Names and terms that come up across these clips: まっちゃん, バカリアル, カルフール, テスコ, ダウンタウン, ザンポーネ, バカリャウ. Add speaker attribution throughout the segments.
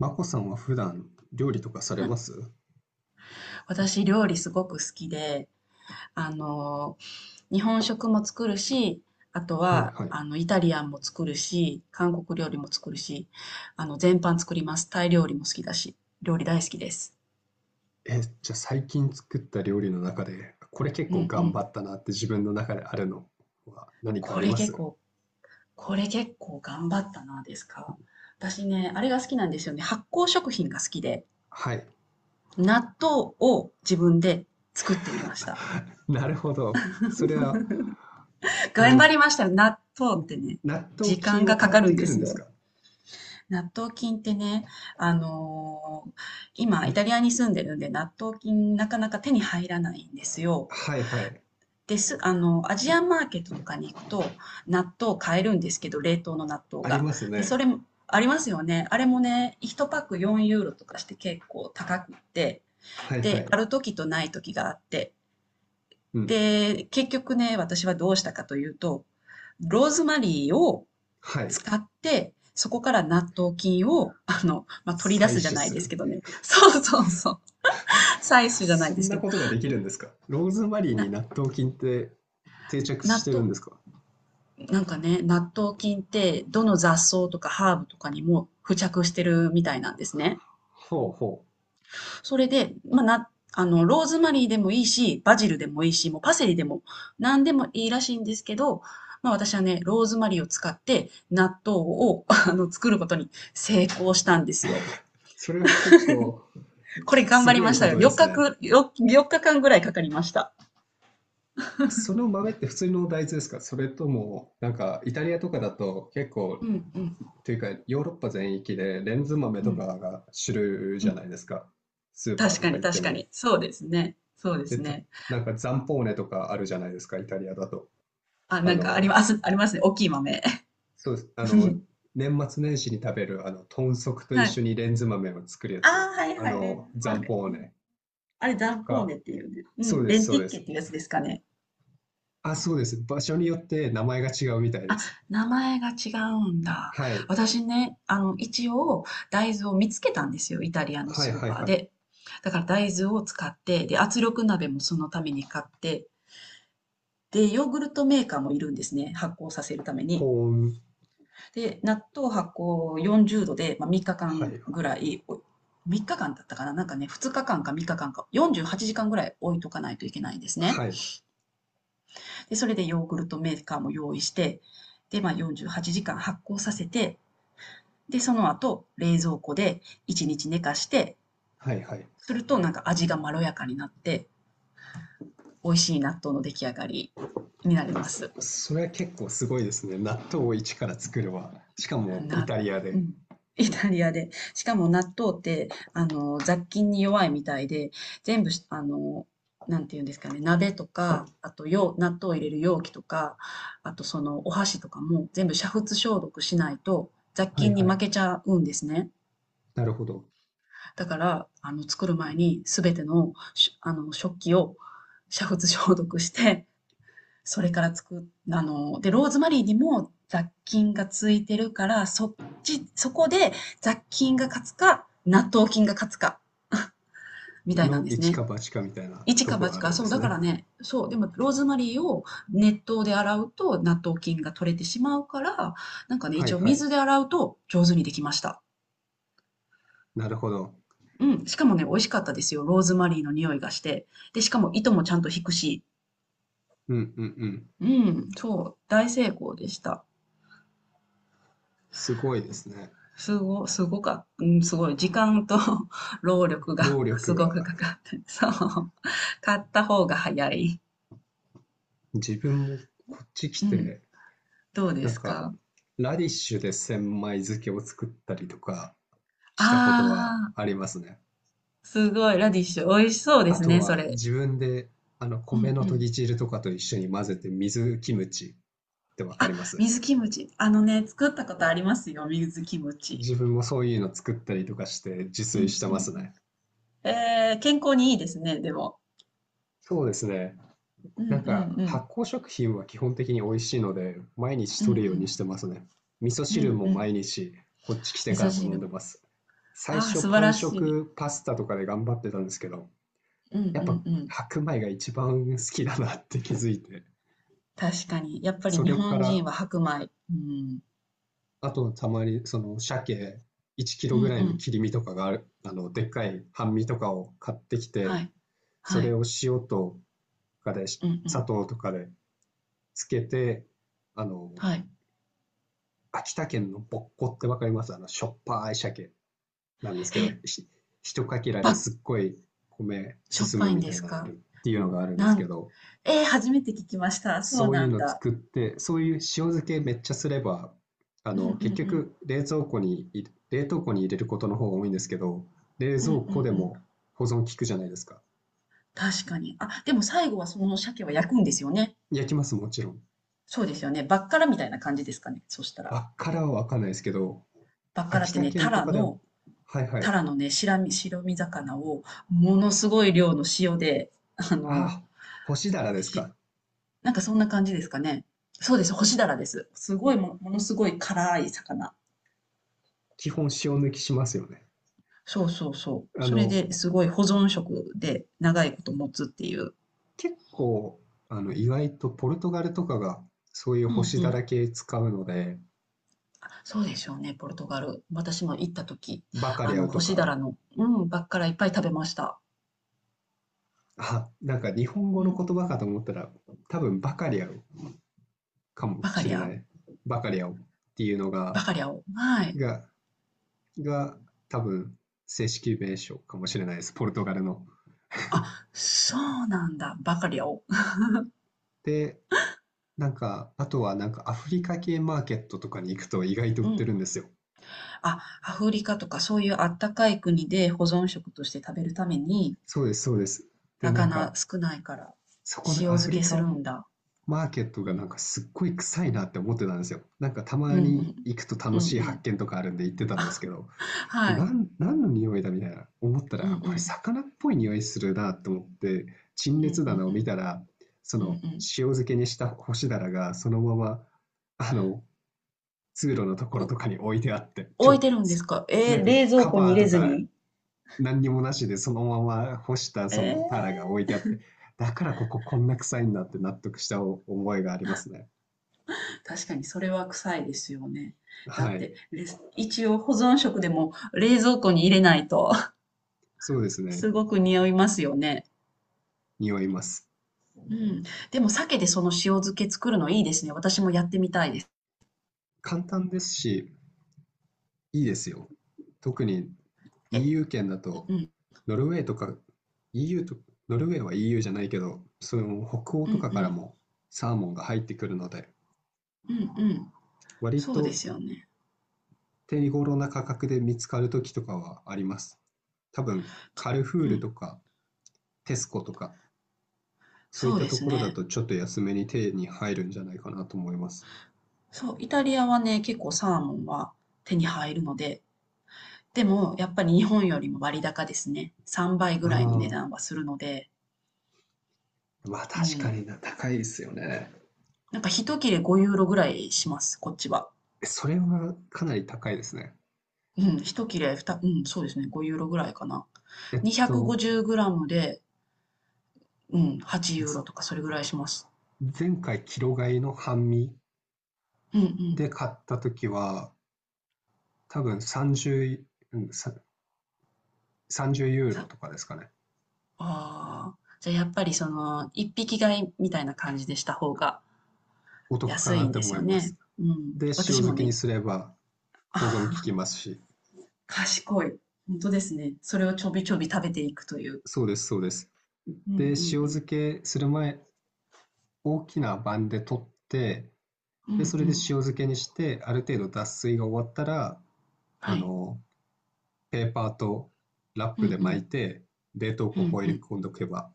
Speaker 1: マコさんは普段料理とかされま す？
Speaker 2: 私、料理すごく好きで、あの、日本食も作るし、あと
Speaker 1: はい
Speaker 2: は、
Speaker 1: はい。
Speaker 2: イタリアンも作るし、韓国料理も作るし、全般作ります。タイ料理も好きだし、料理大好きです。
Speaker 1: え、じゃあ最近作った料理の中で、これ結
Speaker 2: うんう
Speaker 1: 構頑
Speaker 2: ん。
Speaker 1: 張ったなって自分の中であるのは何かあ
Speaker 2: こ
Speaker 1: り
Speaker 2: れ
Speaker 1: ま
Speaker 2: 結
Speaker 1: す？
Speaker 2: 構、これ結構頑張ったな、ですか。私ね、あれが好きなんですよね。発酵食品が好きで、
Speaker 1: はい。
Speaker 2: 納豆を自分で作ってみました。
Speaker 1: なるほど。それは、あ
Speaker 2: 頑
Speaker 1: の、
Speaker 2: 張りましたよ。納豆ってね、
Speaker 1: 納豆
Speaker 2: 時間
Speaker 1: 菌
Speaker 2: が
Speaker 1: を
Speaker 2: か
Speaker 1: 買
Speaker 2: か
Speaker 1: っ
Speaker 2: るん
Speaker 1: て
Speaker 2: で
Speaker 1: くる
Speaker 2: す
Speaker 1: んです
Speaker 2: よ。
Speaker 1: か？
Speaker 2: 納豆菌ってね、あのー今、
Speaker 1: 日
Speaker 2: イタ
Speaker 1: 本。
Speaker 2: リアに住んでるんで、納豆菌なかなか手に入らないんですよ。
Speaker 1: はいはい。
Speaker 2: です、アジアンマーケットとかに行くと、納豆買えるんですけど、冷凍の納豆
Speaker 1: あり
Speaker 2: が。
Speaker 1: ます
Speaker 2: で、そ
Speaker 1: ね。
Speaker 2: れも、ありますよね。あれもね、1パック4ユーロとかして結構高くって、
Speaker 1: はいは
Speaker 2: で、あ
Speaker 1: い。
Speaker 2: る時とない時があって、
Speaker 1: うん。
Speaker 2: で、結局ね、私はどうしたかというと、ローズマリーを
Speaker 1: はい。
Speaker 2: 使って、そこから納豆菌を、取り
Speaker 1: 採
Speaker 2: 出
Speaker 1: 取
Speaker 2: すじゃない
Speaker 1: す
Speaker 2: ですけ
Speaker 1: る。
Speaker 2: どね。そうそうそう。採取じゃない
Speaker 1: そ
Speaker 2: で
Speaker 1: ん
Speaker 2: すけ
Speaker 1: な
Speaker 2: ど。
Speaker 1: ことができるんですか？ローズマリーに
Speaker 2: な、
Speaker 1: 納豆菌って定着し
Speaker 2: 納
Speaker 1: てるん
Speaker 2: 豆、
Speaker 1: ですか？
Speaker 2: なんかね、納豆菌ってどの雑草とかハーブとかにも付着してるみたいなんですね。
Speaker 1: ほうほう。
Speaker 2: それで、まあ、な、あの、ローズマリーでもいいし、バジルでもいいし、もうパセリでも何でもいいらしいんですけど、まあ私はね、ローズマリーを使って納豆を 作ることに成功したんですよ。
Speaker 1: それは結構
Speaker 2: これ頑
Speaker 1: す
Speaker 2: 張り
Speaker 1: ごい
Speaker 2: まし
Speaker 1: こ
Speaker 2: たよ。
Speaker 1: とですね。
Speaker 2: 4日間ぐらいかかりました。
Speaker 1: その豆って普通の大豆ですか？それとも、なんかイタリアとかだと結
Speaker 2: う
Speaker 1: 構、
Speaker 2: んうん
Speaker 1: というかヨーロッパ全域でレンズ豆
Speaker 2: う
Speaker 1: とか
Speaker 2: ん
Speaker 1: が主流
Speaker 2: う
Speaker 1: じゃ
Speaker 2: ん。
Speaker 1: ないですか。スーパー
Speaker 2: 確
Speaker 1: と
Speaker 2: か
Speaker 1: か
Speaker 2: に
Speaker 1: 行って
Speaker 2: 確か
Speaker 1: も。
Speaker 2: に。そうですね。そうで
Speaker 1: で、
Speaker 2: すね。
Speaker 1: なんかザンポーネとかあるじゃないですか、イタリアだと。
Speaker 2: あ、
Speaker 1: あ
Speaker 2: なんかあり
Speaker 1: の、
Speaker 2: ます、ありますね。大きい豆。
Speaker 1: そうです。年末年始に食べる、豚足と一
Speaker 2: は
Speaker 1: 緒
Speaker 2: い。
Speaker 1: にレンズ豆を作るや
Speaker 2: ああ、
Speaker 1: つ。
Speaker 2: はいはい。レンズ
Speaker 1: ザン
Speaker 2: 豆。
Speaker 1: ポー
Speaker 2: うん。
Speaker 1: ネ
Speaker 2: あれ、ダ
Speaker 1: と
Speaker 2: ンポー
Speaker 1: か。
Speaker 2: ネっていうね。う
Speaker 1: そ
Speaker 2: ん。
Speaker 1: うで
Speaker 2: レ
Speaker 1: す、
Speaker 2: ン
Speaker 1: そ
Speaker 2: テ
Speaker 1: う
Speaker 2: ィ
Speaker 1: で
Speaker 2: ッケっ
Speaker 1: す。
Speaker 2: ていうやつですかね。
Speaker 1: あ、そうです。場所によって名前が違うみたいで
Speaker 2: あ、
Speaker 1: す。
Speaker 2: 名前が違うんだ。
Speaker 1: はい。
Speaker 2: 私ね、一応、大豆を見つけたんですよ。イタリアの
Speaker 1: はい
Speaker 2: スー
Speaker 1: はい
Speaker 2: パー
Speaker 1: はい。
Speaker 2: で。だから大豆を使って、で、圧力鍋もそのために買って、で、ヨーグルトメーカーもいるんですね、発酵させるため
Speaker 1: 保
Speaker 2: に。
Speaker 1: 温。
Speaker 2: で、納豆発酵40度で、まあ、3日
Speaker 1: は
Speaker 2: 間
Speaker 1: いは
Speaker 2: ぐ
Speaker 1: い。
Speaker 2: らい、お3日間だったかななんかね、2日間か3日間かかんか、48時間ぐらい置いとかないといけないんですね。
Speaker 1: はい。
Speaker 2: で、それでヨーグルトメーカーも用意して、で、まあ、48時間発酵させて、で、その後、冷蔵庫で1日寝かして、
Speaker 1: はいはい。
Speaker 2: するとなんか味がまろやかになって、美味しい納豆の出来上がりになります。
Speaker 1: それは結構すごいですね。納豆を一から作るわ。しかもイ
Speaker 2: な
Speaker 1: タリア
Speaker 2: う
Speaker 1: で。
Speaker 2: ん。イタリアで。しかも納豆って、雑菌に弱いみたいで、全部し、あの、なんていうんですかね、鍋とか、あと容、納豆を入れる容器とか、あとそのお箸とかも全部煮沸消毒しないと雑
Speaker 1: はい
Speaker 2: 菌に
Speaker 1: は
Speaker 2: 負
Speaker 1: い。
Speaker 2: けちゃうんですね。
Speaker 1: なるほど。
Speaker 2: だから、作る前にすべての、しあの、食器を煮沸消毒して、それからつく、あの、で、ローズマリーにも雑菌がついてるから、そっち、そこで雑菌が勝つか、納豆菌が勝つか、みたいな
Speaker 1: の
Speaker 2: んです
Speaker 1: 一
Speaker 2: ね。
Speaker 1: か八かみたいな
Speaker 2: 一
Speaker 1: と
Speaker 2: か
Speaker 1: ころ
Speaker 2: 八
Speaker 1: あ
Speaker 2: か、
Speaker 1: るんで
Speaker 2: そう、
Speaker 1: す
Speaker 2: だか
Speaker 1: ね。
Speaker 2: らね、そう、でもローズマリーを熱湯で洗うと納豆菌が取れてしまうから、なんかね、
Speaker 1: は
Speaker 2: 一
Speaker 1: い
Speaker 2: 応
Speaker 1: はい。
Speaker 2: 水で洗うと上手にできました。
Speaker 1: なるほど。
Speaker 2: うん、しかもね、美味しかったですよ。ローズマリーの匂いがして。で、しかも糸もちゃんと引くし。
Speaker 1: うんうんうん。
Speaker 2: うん、そう、大成功でした。
Speaker 1: すごいですね。
Speaker 2: すごすごかうん、すごい。時間と 労力が
Speaker 1: 労 力
Speaker 2: すごく
Speaker 1: が、
Speaker 2: かかって、そう。買った方が早い。
Speaker 1: 自分もこっち来
Speaker 2: うん。
Speaker 1: て、
Speaker 2: どうで
Speaker 1: なん
Speaker 2: す
Speaker 1: か、
Speaker 2: か？
Speaker 1: ラディッシュで千枚漬けを作ったりとかしたことは
Speaker 2: ああ
Speaker 1: あ
Speaker 2: ー、
Speaker 1: りますね。
Speaker 2: すごい。ラディッシュ。美味しそうで
Speaker 1: あ
Speaker 2: す
Speaker 1: と
Speaker 2: ね、そ
Speaker 1: は
Speaker 2: れ。
Speaker 1: 自分で、
Speaker 2: う
Speaker 1: 米
Speaker 2: ん
Speaker 1: の
Speaker 2: う
Speaker 1: と
Speaker 2: ん。
Speaker 1: ぎ汁とかと一緒に混ぜて水キムチってわか
Speaker 2: あ、
Speaker 1: ります？
Speaker 2: 水キムチ。あのね、作ったことありますよ、水キムチ。
Speaker 1: 自分もそういうの作ったりとかして自
Speaker 2: う
Speaker 1: 炊
Speaker 2: ん
Speaker 1: して
Speaker 2: うん
Speaker 1: ま
Speaker 2: うん。
Speaker 1: すね。
Speaker 2: えー、健康にいいですね、でも。
Speaker 1: そうですね。
Speaker 2: うんう
Speaker 1: な
Speaker 2: ん
Speaker 1: んか
Speaker 2: うん。
Speaker 1: 発酵食品は基本的に美味しいので、毎日
Speaker 2: う
Speaker 1: 取るように
Speaker 2: ん
Speaker 1: してますね。味噌
Speaker 2: うん。う
Speaker 1: 汁
Speaker 2: ん
Speaker 1: も
Speaker 2: うん。
Speaker 1: 毎日、こっち来て
Speaker 2: 味
Speaker 1: か
Speaker 2: 噌
Speaker 1: らも飲
Speaker 2: 汁
Speaker 1: んで
Speaker 2: も。
Speaker 1: ます。最
Speaker 2: ああ、
Speaker 1: 初
Speaker 2: 素晴
Speaker 1: パン
Speaker 2: らしい。
Speaker 1: 食パスタとかで頑張ってたんですけど、
Speaker 2: うんう
Speaker 1: やっぱ
Speaker 2: んうん。
Speaker 1: 白米が一番好きだなって気づいて、
Speaker 2: 確かに。やっぱり
Speaker 1: そ
Speaker 2: 日
Speaker 1: れか
Speaker 2: 本人
Speaker 1: ら
Speaker 2: は白米。うん。
Speaker 1: あと、たまに、その、鮭1キ
Speaker 2: う
Speaker 1: ロ
Speaker 2: ん
Speaker 1: ぐら
Speaker 2: う
Speaker 1: いの
Speaker 2: ん。
Speaker 1: 切り身とかがある、でっかい半身とかを買ってき
Speaker 2: は
Speaker 1: て、
Speaker 2: い。
Speaker 1: そ
Speaker 2: は
Speaker 1: れ
Speaker 2: い。
Speaker 1: を塩とかで、
Speaker 2: うんう
Speaker 1: 砂
Speaker 2: ん。
Speaker 1: 糖とかでつけて、あの、
Speaker 2: はい。
Speaker 1: 秋田県のぼっこってわかります？しょっぱい鮭なんですけど、
Speaker 2: え、
Speaker 1: 一かけら
Speaker 2: ば、
Speaker 1: ですっごい米
Speaker 2: しょっ
Speaker 1: 進
Speaker 2: ぱ
Speaker 1: む
Speaker 2: いん
Speaker 1: み
Speaker 2: で
Speaker 1: たい
Speaker 2: す
Speaker 1: なのあ
Speaker 2: か？
Speaker 1: るっていうのがあるんで
Speaker 2: な
Speaker 1: すけ
Speaker 2: ん、
Speaker 1: ど、
Speaker 2: えー初めて聞きました。そう
Speaker 1: そうい
Speaker 2: な
Speaker 1: う
Speaker 2: ん
Speaker 1: の
Speaker 2: だ。
Speaker 1: 作って、そういう塩漬けめっちゃすれば、
Speaker 2: うんうんう
Speaker 1: 結
Speaker 2: ん。
Speaker 1: 局冷蔵庫に冷凍庫に入れることの方が多いんですけど、冷
Speaker 2: うんうんう
Speaker 1: 蔵庫で
Speaker 2: ん。
Speaker 1: も保存効くじゃないですか。
Speaker 2: 確かに。あ、でも最後はその鮭は焼くんですよね。
Speaker 1: 焼きます、もちろん。
Speaker 2: そうですよね。バッカラみたいな感じですかね。そしたら。
Speaker 1: バッカラはわかんないですけど、
Speaker 2: バッカラ
Speaker 1: 秋
Speaker 2: って
Speaker 1: 田
Speaker 2: ね、
Speaker 1: 県
Speaker 2: タ
Speaker 1: と
Speaker 2: ラ
Speaker 1: かでは、
Speaker 2: の、
Speaker 1: はいは
Speaker 2: タ
Speaker 1: い。
Speaker 2: ラのね、白身魚をものすごい量の塩で、あの、
Speaker 1: ああ、干しだらですか。
Speaker 2: なんかそんな感じですかね。そうです、干しダラです。すごいも、ものすごい辛い魚。
Speaker 1: 基本塩抜きしますよね。
Speaker 2: そうそうそう。
Speaker 1: あ
Speaker 2: それ
Speaker 1: の、
Speaker 2: ですごい保存食で長いこと持つっていう。
Speaker 1: 結構、意外とポルトガルとかがそういう
Speaker 2: う
Speaker 1: 干
Speaker 2: ん
Speaker 1: し
Speaker 2: う
Speaker 1: だ
Speaker 2: ん。
Speaker 1: ら系使うので、
Speaker 2: あそうでしょうね、ポルトガル。私も行った時、
Speaker 1: バカリャウ
Speaker 2: 干
Speaker 1: と
Speaker 2: しダ
Speaker 1: か。
Speaker 2: ラの、うん、ばっからいっぱい食べました。
Speaker 1: あ、なんか日本
Speaker 2: う
Speaker 1: 語の
Speaker 2: ん。
Speaker 1: 言葉かと思ったら、多分バカリアルかも
Speaker 2: バカ
Speaker 1: し
Speaker 2: リ
Speaker 1: れな
Speaker 2: ア
Speaker 1: い。バカリアルっていうの
Speaker 2: バカリアを。はい。
Speaker 1: が、が、多分正式名称かもしれないです。ポルトガルの。
Speaker 2: あ、そうなんだ、バカリアを。
Speaker 1: で、なんか、あとはなんかアフリカ系マーケットとかに行くと意外と売
Speaker 2: う
Speaker 1: って
Speaker 2: ん。
Speaker 1: るんですよ。
Speaker 2: あ、アフリカとかそういうあったかい国で保存食として食べるために、
Speaker 1: そうです、そうです。で、なん
Speaker 2: 魚
Speaker 1: か、
Speaker 2: 少ないから、
Speaker 1: そこ
Speaker 2: 塩
Speaker 1: のアフ
Speaker 2: 漬
Speaker 1: リ
Speaker 2: け
Speaker 1: カ
Speaker 2: する
Speaker 1: ン
Speaker 2: んだ。
Speaker 1: マーケット
Speaker 2: う
Speaker 1: がなん
Speaker 2: ん。
Speaker 1: かすっごい臭いなって思ってたんですよ。なんかたま
Speaker 2: うんう
Speaker 1: に
Speaker 2: ん。
Speaker 1: 行くと
Speaker 2: う
Speaker 1: 楽し
Speaker 2: ん
Speaker 1: い
Speaker 2: う
Speaker 1: 発
Speaker 2: ん。
Speaker 1: 見とかあるんで行って たんです
Speaker 2: あ
Speaker 1: けど、で、
Speaker 2: はい。
Speaker 1: 何の匂いだみたいな思った
Speaker 2: うん
Speaker 1: ら、
Speaker 2: う
Speaker 1: あ、これ
Speaker 2: ん。
Speaker 1: 魚っぽい匂いするなと思って、陳
Speaker 2: うんう
Speaker 1: 列
Speaker 2: ん
Speaker 1: 棚を
Speaker 2: う
Speaker 1: 見
Speaker 2: ん。
Speaker 1: たら、そ
Speaker 2: うんう
Speaker 1: の
Speaker 2: ん。
Speaker 1: 塩漬けにした干しだらがそのまま、あの、通路のところ
Speaker 2: お
Speaker 1: とかに置いてあって、
Speaker 2: 置いてるんですか？え
Speaker 1: なん
Speaker 2: ー、
Speaker 1: か
Speaker 2: 冷蔵
Speaker 1: カ
Speaker 2: 庫
Speaker 1: バ
Speaker 2: に
Speaker 1: ー
Speaker 2: 入
Speaker 1: と
Speaker 2: れず
Speaker 1: か
Speaker 2: に？
Speaker 1: 何にもなしでそのまま干したそ
Speaker 2: え
Speaker 1: のタラが置いてあ
Speaker 2: ー、
Speaker 1: って、だからこここんな臭いんだって納得した思いがありますね。
Speaker 2: 確かにそれは臭いですよね。だ
Speaker 1: は
Speaker 2: って、
Speaker 1: い。
Speaker 2: レス一応保存食でも冷蔵庫に入れないと
Speaker 1: そうです ね。
Speaker 2: すごく匂いますよね。
Speaker 1: 匂います。
Speaker 2: うん。でも鮭でその塩漬け作るのいいですね。私もやってみたいです。
Speaker 1: 簡単ですし、いいですよ。特に
Speaker 2: え、
Speaker 1: EU 圏だと、
Speaker 2: うん、
Speaker 1: ノルウェーとか、EU と、ノルウェーは EU じゃないけど、その北欧
Speaker 2: う
Speaker 1: と
Speaker 2: ん、
Speaker 1: か
Speaker 2: う
Speaker 1: から
Speaker 2: ん、
Speaker 1: もサーモンが入ってくるので、
Speaker 2: うん、うん。
Speaker 1: 割
Speaker 2: そうで
Speaker 1: と
Speaker 2: すよね。
Speaker 1: 手頃な価格で見つかる時とかはあります。多分、カルフー
Speaker 2: う
Speaker 1: ル
Speaker 2: ん。
Speaker 1: とか、テスコとか、そうい
Speaker 2: そ
Speaker 1: っ
Speaker 2: う
Speaker 1: た
Speaker 2: で
Speaker 1: と
Speaker 2: す
Speaker 1: ころだ
Speaker 2: ね。
Speaker 1: とちょっと安めに手に入るんじゃないかなと思います。
Speaker 2: そう、イタリアはね、結構サーモンは手に入るので、でもやっぱり日本よりも割高ですね。3倍ぐらいの値
Speaker 1: あ
Speaker 2: 段はするので、
Speaker 1: あ、まあ
Speaker 2: う
Speaker 1: 確か
Speaker 2: ん。
Speaker 1: にな、高いですよね。
Speaker 2: なんか一切れ5ユーロぐらいします、こっちは。
Speaker 1: それはかなり高いですね。
Speaker 2: うん、一切れ2、うん、そうですね、5ユーロぐらいかな。
Speaker 1: えっと、
Speaker 2: 250グラムで、うん、8ユーロとかそれぐらいします。
Speaker 1: 前回、キロ買いの半身
Speaker 2: うんう
Speaker 1: で、
Speaker 2: ん。
Speaker 1: 買った時は、多分30、うん、30ユーロ
Speaker 2: さ、
Speaker 1: とかですかね。
Speaker 2: ああ。じゃあやっぱりその、一匹買いみたいな感じでした方が
Speaker 1: お得か
Speaker 2: 安
Speaker 1: な
Speaker 2: い
Speaker 1: っ
Speaker 2: ん
Speaker 1: て
Speaker 2: で
Speaker 1: 思
Speaker 2: す
Speaker 1: い
Speaker 2: よ
Speaker 1: ます。
Speaker 2: ね。うん。
Speaker 1: で、塩
Speaker 2: 私も
Speaker 1: 漬けに
Speaker 2: ね、
Speaker 1: すれば
Speaker 2: あ
Speaker 1: 保存効きますし。
Speaker 2: 賢い。本当ですね。それをちょびちょび食べていくという。
Speaker 1: そうです、そうです。
Speaker 2: うんうん
Speaker 1: で、塩
Speaker 2: うん。
Speaker 1: 漬けする前、大きな盤で取って、
Speaker 2: うんう
Speaker 1: で、それで塩
Speaker 2: ん。
Speaker 1: 漬けにして、ある程度脱水が終わったら、
Speaker 2: は
Speaker 1: あ
Speaker 2: い。
Speaker 1: の、ペーパーとラッ
Speaker 2: うん
Speaker 1: プ
Speaker 2: う
Speaker 1: で巻
Speaker 2: ん。
Speaker 1: いて、冷凍
Speaker 2: う
Speaker 1: 庫
Speaker 2: ん
Speaker 1: を
Speaker 2: う
Speaker 1: 入れ
Speaker 2: ん。
Speaker 1: 込んでおけば、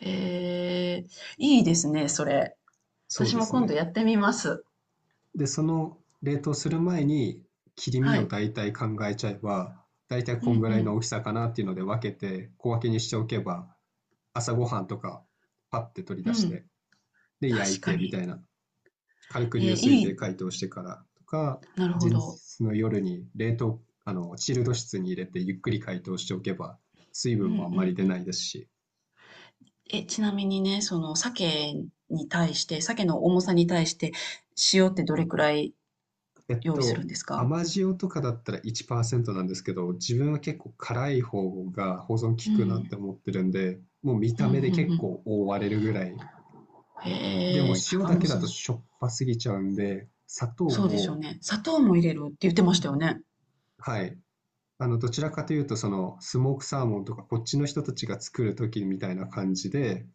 Speaker 2: えー、いいですね、それ。
Speaker 1: そう
Speaker 2: 私
Speaker 1: で
Speaker 2: も
Speaker 1: す
Speaker 2: 今度
Speaker 1: ね。
Speaker 2: やってみます。
Speaker 1: で、その冷凍する前に切り
Speaker 2: は
Speaker 1: 身を
Speaker 2: い。
Speaker 1: 大体考えちゃえば、大体
Speaker 2: う
Speaker 1: こん
Speaker 2: ん
Speaker 1: ぐ
Speaker 2: う
Speaker 1: らいの
Speaker 2: ん。
Speaker 1: 大きさかなっていうので分けて小分けにしておけば、朝ごはんとかパッて取り
Speaker 2: う
Speaker 1: 出し
Speaker 2: ん。
Speaker 1: て、で、焼
Speaker 2: 確
Speaker 1: い
Speaker 2: か
Speaker 1: てみた
Speaker 2: に。
Speaker 1: いな。軽く
Speaker 2: え
Speaker 1: 流
Speaker 2: ー、
Speaker 1: 水
Speaker 2: い
Speaker 1: で
Speaker 2: い。
Speaker 1: 解凍してからとか、
Speaker 2: なるほ
Speaker 1: 前
Speaker 2: ど。
Speaker 1: 日の夜に冷凍、チルド室に入れてゆっくり解凍しておけば、水
Speaker 2: うんう
Speaker 1: 分もあんまり
Speaker 2: ん
Speaker 1: 出
Speaker 2: う
Speaker 1: な
Speaker 2: ん。
Speaker 1: いですし、
Speaker 2: え、ちなみにね、その鮭に対して、鮭の重さに対して、塩ってどれくらい
Speaker 1: えっ
Speaker 2: 用意するん
Speaker 1: と、
Speaker 2: ですか？
Speaker 1: 甘塩とかだったら1%なんですけど、自分は結構辛い方が保存効
Speaker 2: う
Speaker 1: くなっ
Speaker 2: ん。
Speaker 1: て思ってるんで、もう見
Speaker 2: うん、
Speaker 1: た
Speaker 2: うんう
Speaker 1: 目で結
Speaker 2: ん。
Speaker 1: 構覆われるぐらい。でも
Speaker 2: へえ。
Speaker 1: 塩
Speaker 2: あ、
Speaker 1: だ
Speaker 2: もう、
Speaker 1: けだ
Speaker 2: そう、
Speaker 1: としょっぱすぎちゃうんで、砂糖
Speaker 2: そうでしょう
Speaker 1: を、
Speaker 2: ね。砂糖も入れるって言ってましたよね。
Speaker 1: はい。どちらかというと、その、スモークサーモンとか、こっちの人たちが作る時みたいな感じで、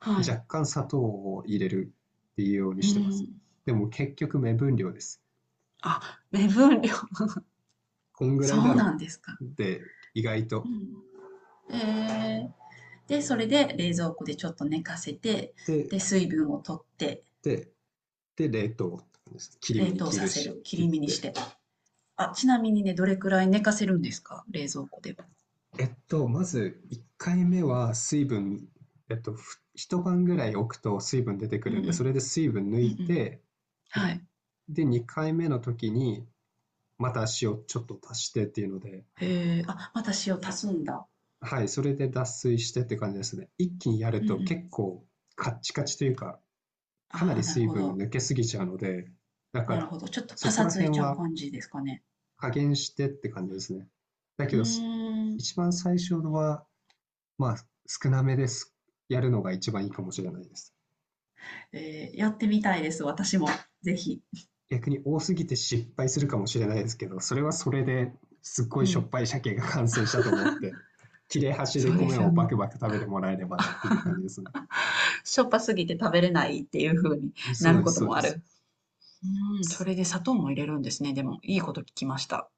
Speaker 2: はい。
Speaker 1: 若干砂糖を入れるっていうように
Speaker 2: う
Speaker 1: してます。
Speaker 2: ん。
Speaker 1: でも結局目分量です。
Speaker 2: あ、目分量。
Speaker 1: こんぐらい
Speaker 2: そ
Speaker 1: だ
Speaker 2: う
Speaker 1: ろ
Speaker 2: なんですか。
Speaker 1: う。で、意外
Speaker 2: う
Speaker 1: と。
Speaker 2: ん。ええ。で、それで冷蔵庫でちょっと寝かせて、
Speaker 1: で、
Speaker 2: で、水分を取って、
Speaker 1: で、で、冷凍です。切り身
Speaker 2: 冷
Speaker 1: に
Speaker 2: 凍
Speaker 1: 切
Speaker 2: さ
Speaker 1: る
Speaker 2: せ
Speaker 1: し、
Speaker 2: る。切
Speaker 1: 切っ
Speaker 2: り身にし
Speaker 1: て。
Speaker 2: て。あ、ちなみにね、どれくらい寝かせるんですか？冷蔵庫では。
Speaker 1: まず1回目は水分、一晩ぐらい置くと水分出てく
Speaker 2: うん
Speaker 1: るん
Speaker 2: う
Speaker 1: で、それ
Speaker 2: ん。
Speaker 1: で水分抜
Speaker 2: うん
Speaker 1: い
Speaker 2: うん。
Speaker 1: て、で、
Speaker 2: はい。
Speaker 1: 2回目の時にまた塩ちょっと足してっていうので、
Speaker 2: へえ。あ、また塩足すんだ。
Speaker 1: はい、それで脱水してって感じですね。一気にやる
Speaker 2: うんう
Speaker 1: と
Speaker 2: ん。
Speaker 1: 結構カッチカチというか、かな
Speaker 2: あ
Speaker 1: り
Speaker 2: あ、なる
Speaker 1: 水
Speaker 2: ほ
Speaker 1: 分が
Speaker 2: ど。
Speaker 1: 抜けすぎちゃうので、だか
Speaker 2: なる
Speaker 1: ら
Speaker 2: ほど。ちょっとパ
Speaker 1: そこ
Speaker 2: サ
Speaker 1: ら
Speaker 2: つい
Speaker 1: 辺
Speaker 2: ちゃう
Speaker 1: は
Speaker 2: 感じですかね？
Speaker 1: 加減してって感じですね。だ
Speaker 2: う
Speaker 1: け
Speaker 2: ー
Speaker 1: ど、
Speaker 2: ん。
Speaker 1: 一番最初のは、まあ、少なめです。やるのが一番いいかもしれないです。
Speaker 2: えーやってみたいです、私も。ぜひ。
Speaker 1: 逆に多すぎて失敗するかもしれないですけど、それはそれですっご
Speaker 2: う
Speaker 1: いしょっ
Speaker 2: ん、
Speaker 1: ぱい鮭が完成したと思って、切れ端で
Speaker 2: そうで
Speaker 1: 米
Speaker 2: す
Speaker 1: を
Speaker 2: よ
Speaker 1: バ
Speaker 2: ね。
Speaker 1: クバク食べてもらえればっていう感じで すね。
Speaker 2: しょっぱすぎて食べれないっていう風に
Speaker 1: そ
Speaker 2: な
Speaker 1: う
Speaker 2: る
Speaker 1: で
Speaker 2: こ
Speaker 1: す、
Speaker 2: と
Speaker 1: そう
Speaker 2: も
Speaker 1: で
Speaker 2: あ
Speaker 1: す。
Speaker 2: る。うん、
Speaker 1: す
Speaker 2: それで砂糖も入れるんですね。でも、いいこと聞きました。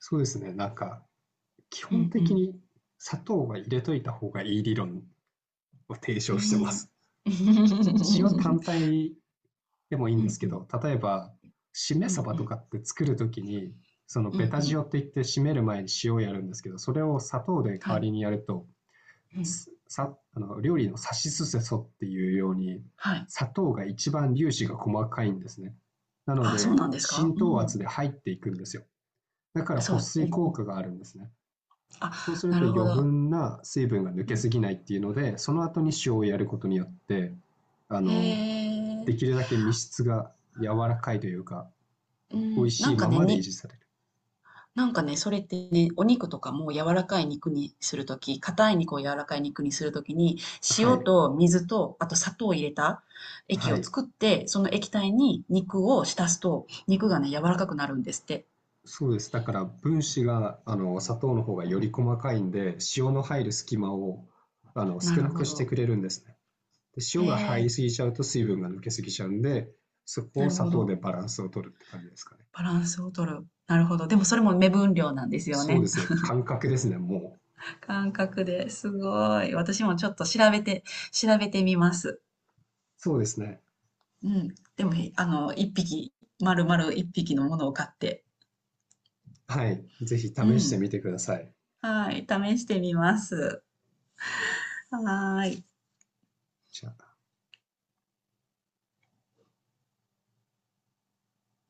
Speaker 1: そうですね。なんか、基
Speaker 2: う
Speaker 1: 本
Speaker 2: んう
Speaker 1: 的
Speaker 2: ん。
Speaker 1: に砂糖は入れといた方がいい理論を提
Speaker 2: う
Speaker 1: 唱してま
Speaker 2: ん。
Speaker 1: す。
Speaker 2: うん
Speaker 1: 塩単体でもいい
Speaker 2: う
Speaker 1: んですけ
Speaker 2: ん。
Speaker 1: ど、例えば、しめ
Speaker 2: うん
Speaker 1: 鯖
Speaker 2: う
Speaker 1: と
Speaker 2: ん。
Speaker 1: かって作るときに、その
Speaker 2: う
Speaker 1: ベ
Speaker 2: ん
Speaker 1: タ
Speaker 2: う
Speaker 1: 塩
Speaker 2: ん。
Speaker 1: って言って締める前に塩をやるんですけど、それを砂糖で代
Speaker 2: は
Speaker 1: わ
Speaker 2: い。
Speaker 1: りにやると、
Speaker 2: うん。
Speaker 1: さ、あの、料理のさしすせそっていうように、
Speaker 2: はい。
Speaker 1: 砂糖が一番粒子が細かいんですね。なの
Speaker 2: あ、そう
Speaker 1: で、
Speaker 2: なんですか？
Speaker 1: 浸
Speaker 2: う
Speaker 1: 透圧
Speaker 2: ん。
Speaker 1: で入っていくんですよ。だから
Speaker 2: そ
Speaker 1: 保
Speaker 2: う。う
Speaker 1: 水効
Speaker 2: ん。
Speaker 1: 果があるんですね。そうす
Speaker 2: あ、
Speaker 1: る
Speaker 2: な
Speaker 1: と
Speaker 2: るほ
Speaker 1: 余
Speaker 2: ど。
Speaker 1: 分な水分が抜
Speaker 2: う
Speaker 1: けす
Speaker 2: ん
Speaker 1: ぎないっていうので、その後に塩をやることによって、あ
Speaker 2: へ
Speaker 1: の、でき
Speaker 2: え。
Speaker 1: るだけ身質が柔らかいというか、
Speaker 2: う
Speaker 1: 美味
Speaker 2: ん。
Speaker 1: しいままで維持される。
Speaker 2: なんかね、それってね、お肉とかも柔らかい肉にするとき、硬い肉を柔らかい肉にするときに、
Speaker 1: は
Speaker 2: 塩
Speaker 1: い。
Speaker 2: と水と、あと砂糖を入れた液
Speaker 1: は
Speaker 2: を
Speaker 1: い。
Speaker 2: 作って、その液体に肉を浸すと、肉がね、柔らかくなるんですって。
Speaker 1: そうです。だから分子が、砂糖の方がより細かいんで、塩の入る隙間を、
Speaker 2: な
Speaker 1: 少
Speaker 2: る
Speaker 1: なく
Speaker 2: ほ
Speaker 1: して
Speaker 2: ど。
Speaker 1: くれるんですね。で、
Speaker 2: へ
Speaker 1: 塩が入
Speaker 2: え、
Speaker 1: りすぎちゃうと水分が抜けすぎちゃうんで、そこ
Speaker 2: な
Speaker 1: を
Speaker 2: る
Speaker 1: 砂
Speaker 2: ほ
Speaker 1: 糖で
Speaker 2: ど。
Speaker 1: バランスを取るって感じですかね。
Speaker 2: バランスを取る。なるほど。でもそれも目分量なんですよ
Speaker 1: そうで
Speaker 2: ね。
Speaker 1: すね。感覚ですね、もう。
Speaker 2: 感覚ですごい。私もちょっと調べて、調べてみます。
Speaker 1: そうですね。
Speaker 2: うん。でも、丸々一匹のものを買って。
Speaker 1: はい。ぜひ試
Speaker 2: う
Speaker 1: してみ
Speaker 2: ん。
Speaker 1: てください。
Speaker 2: はい、試してみます。はーい。
Speaker 1: じゃあ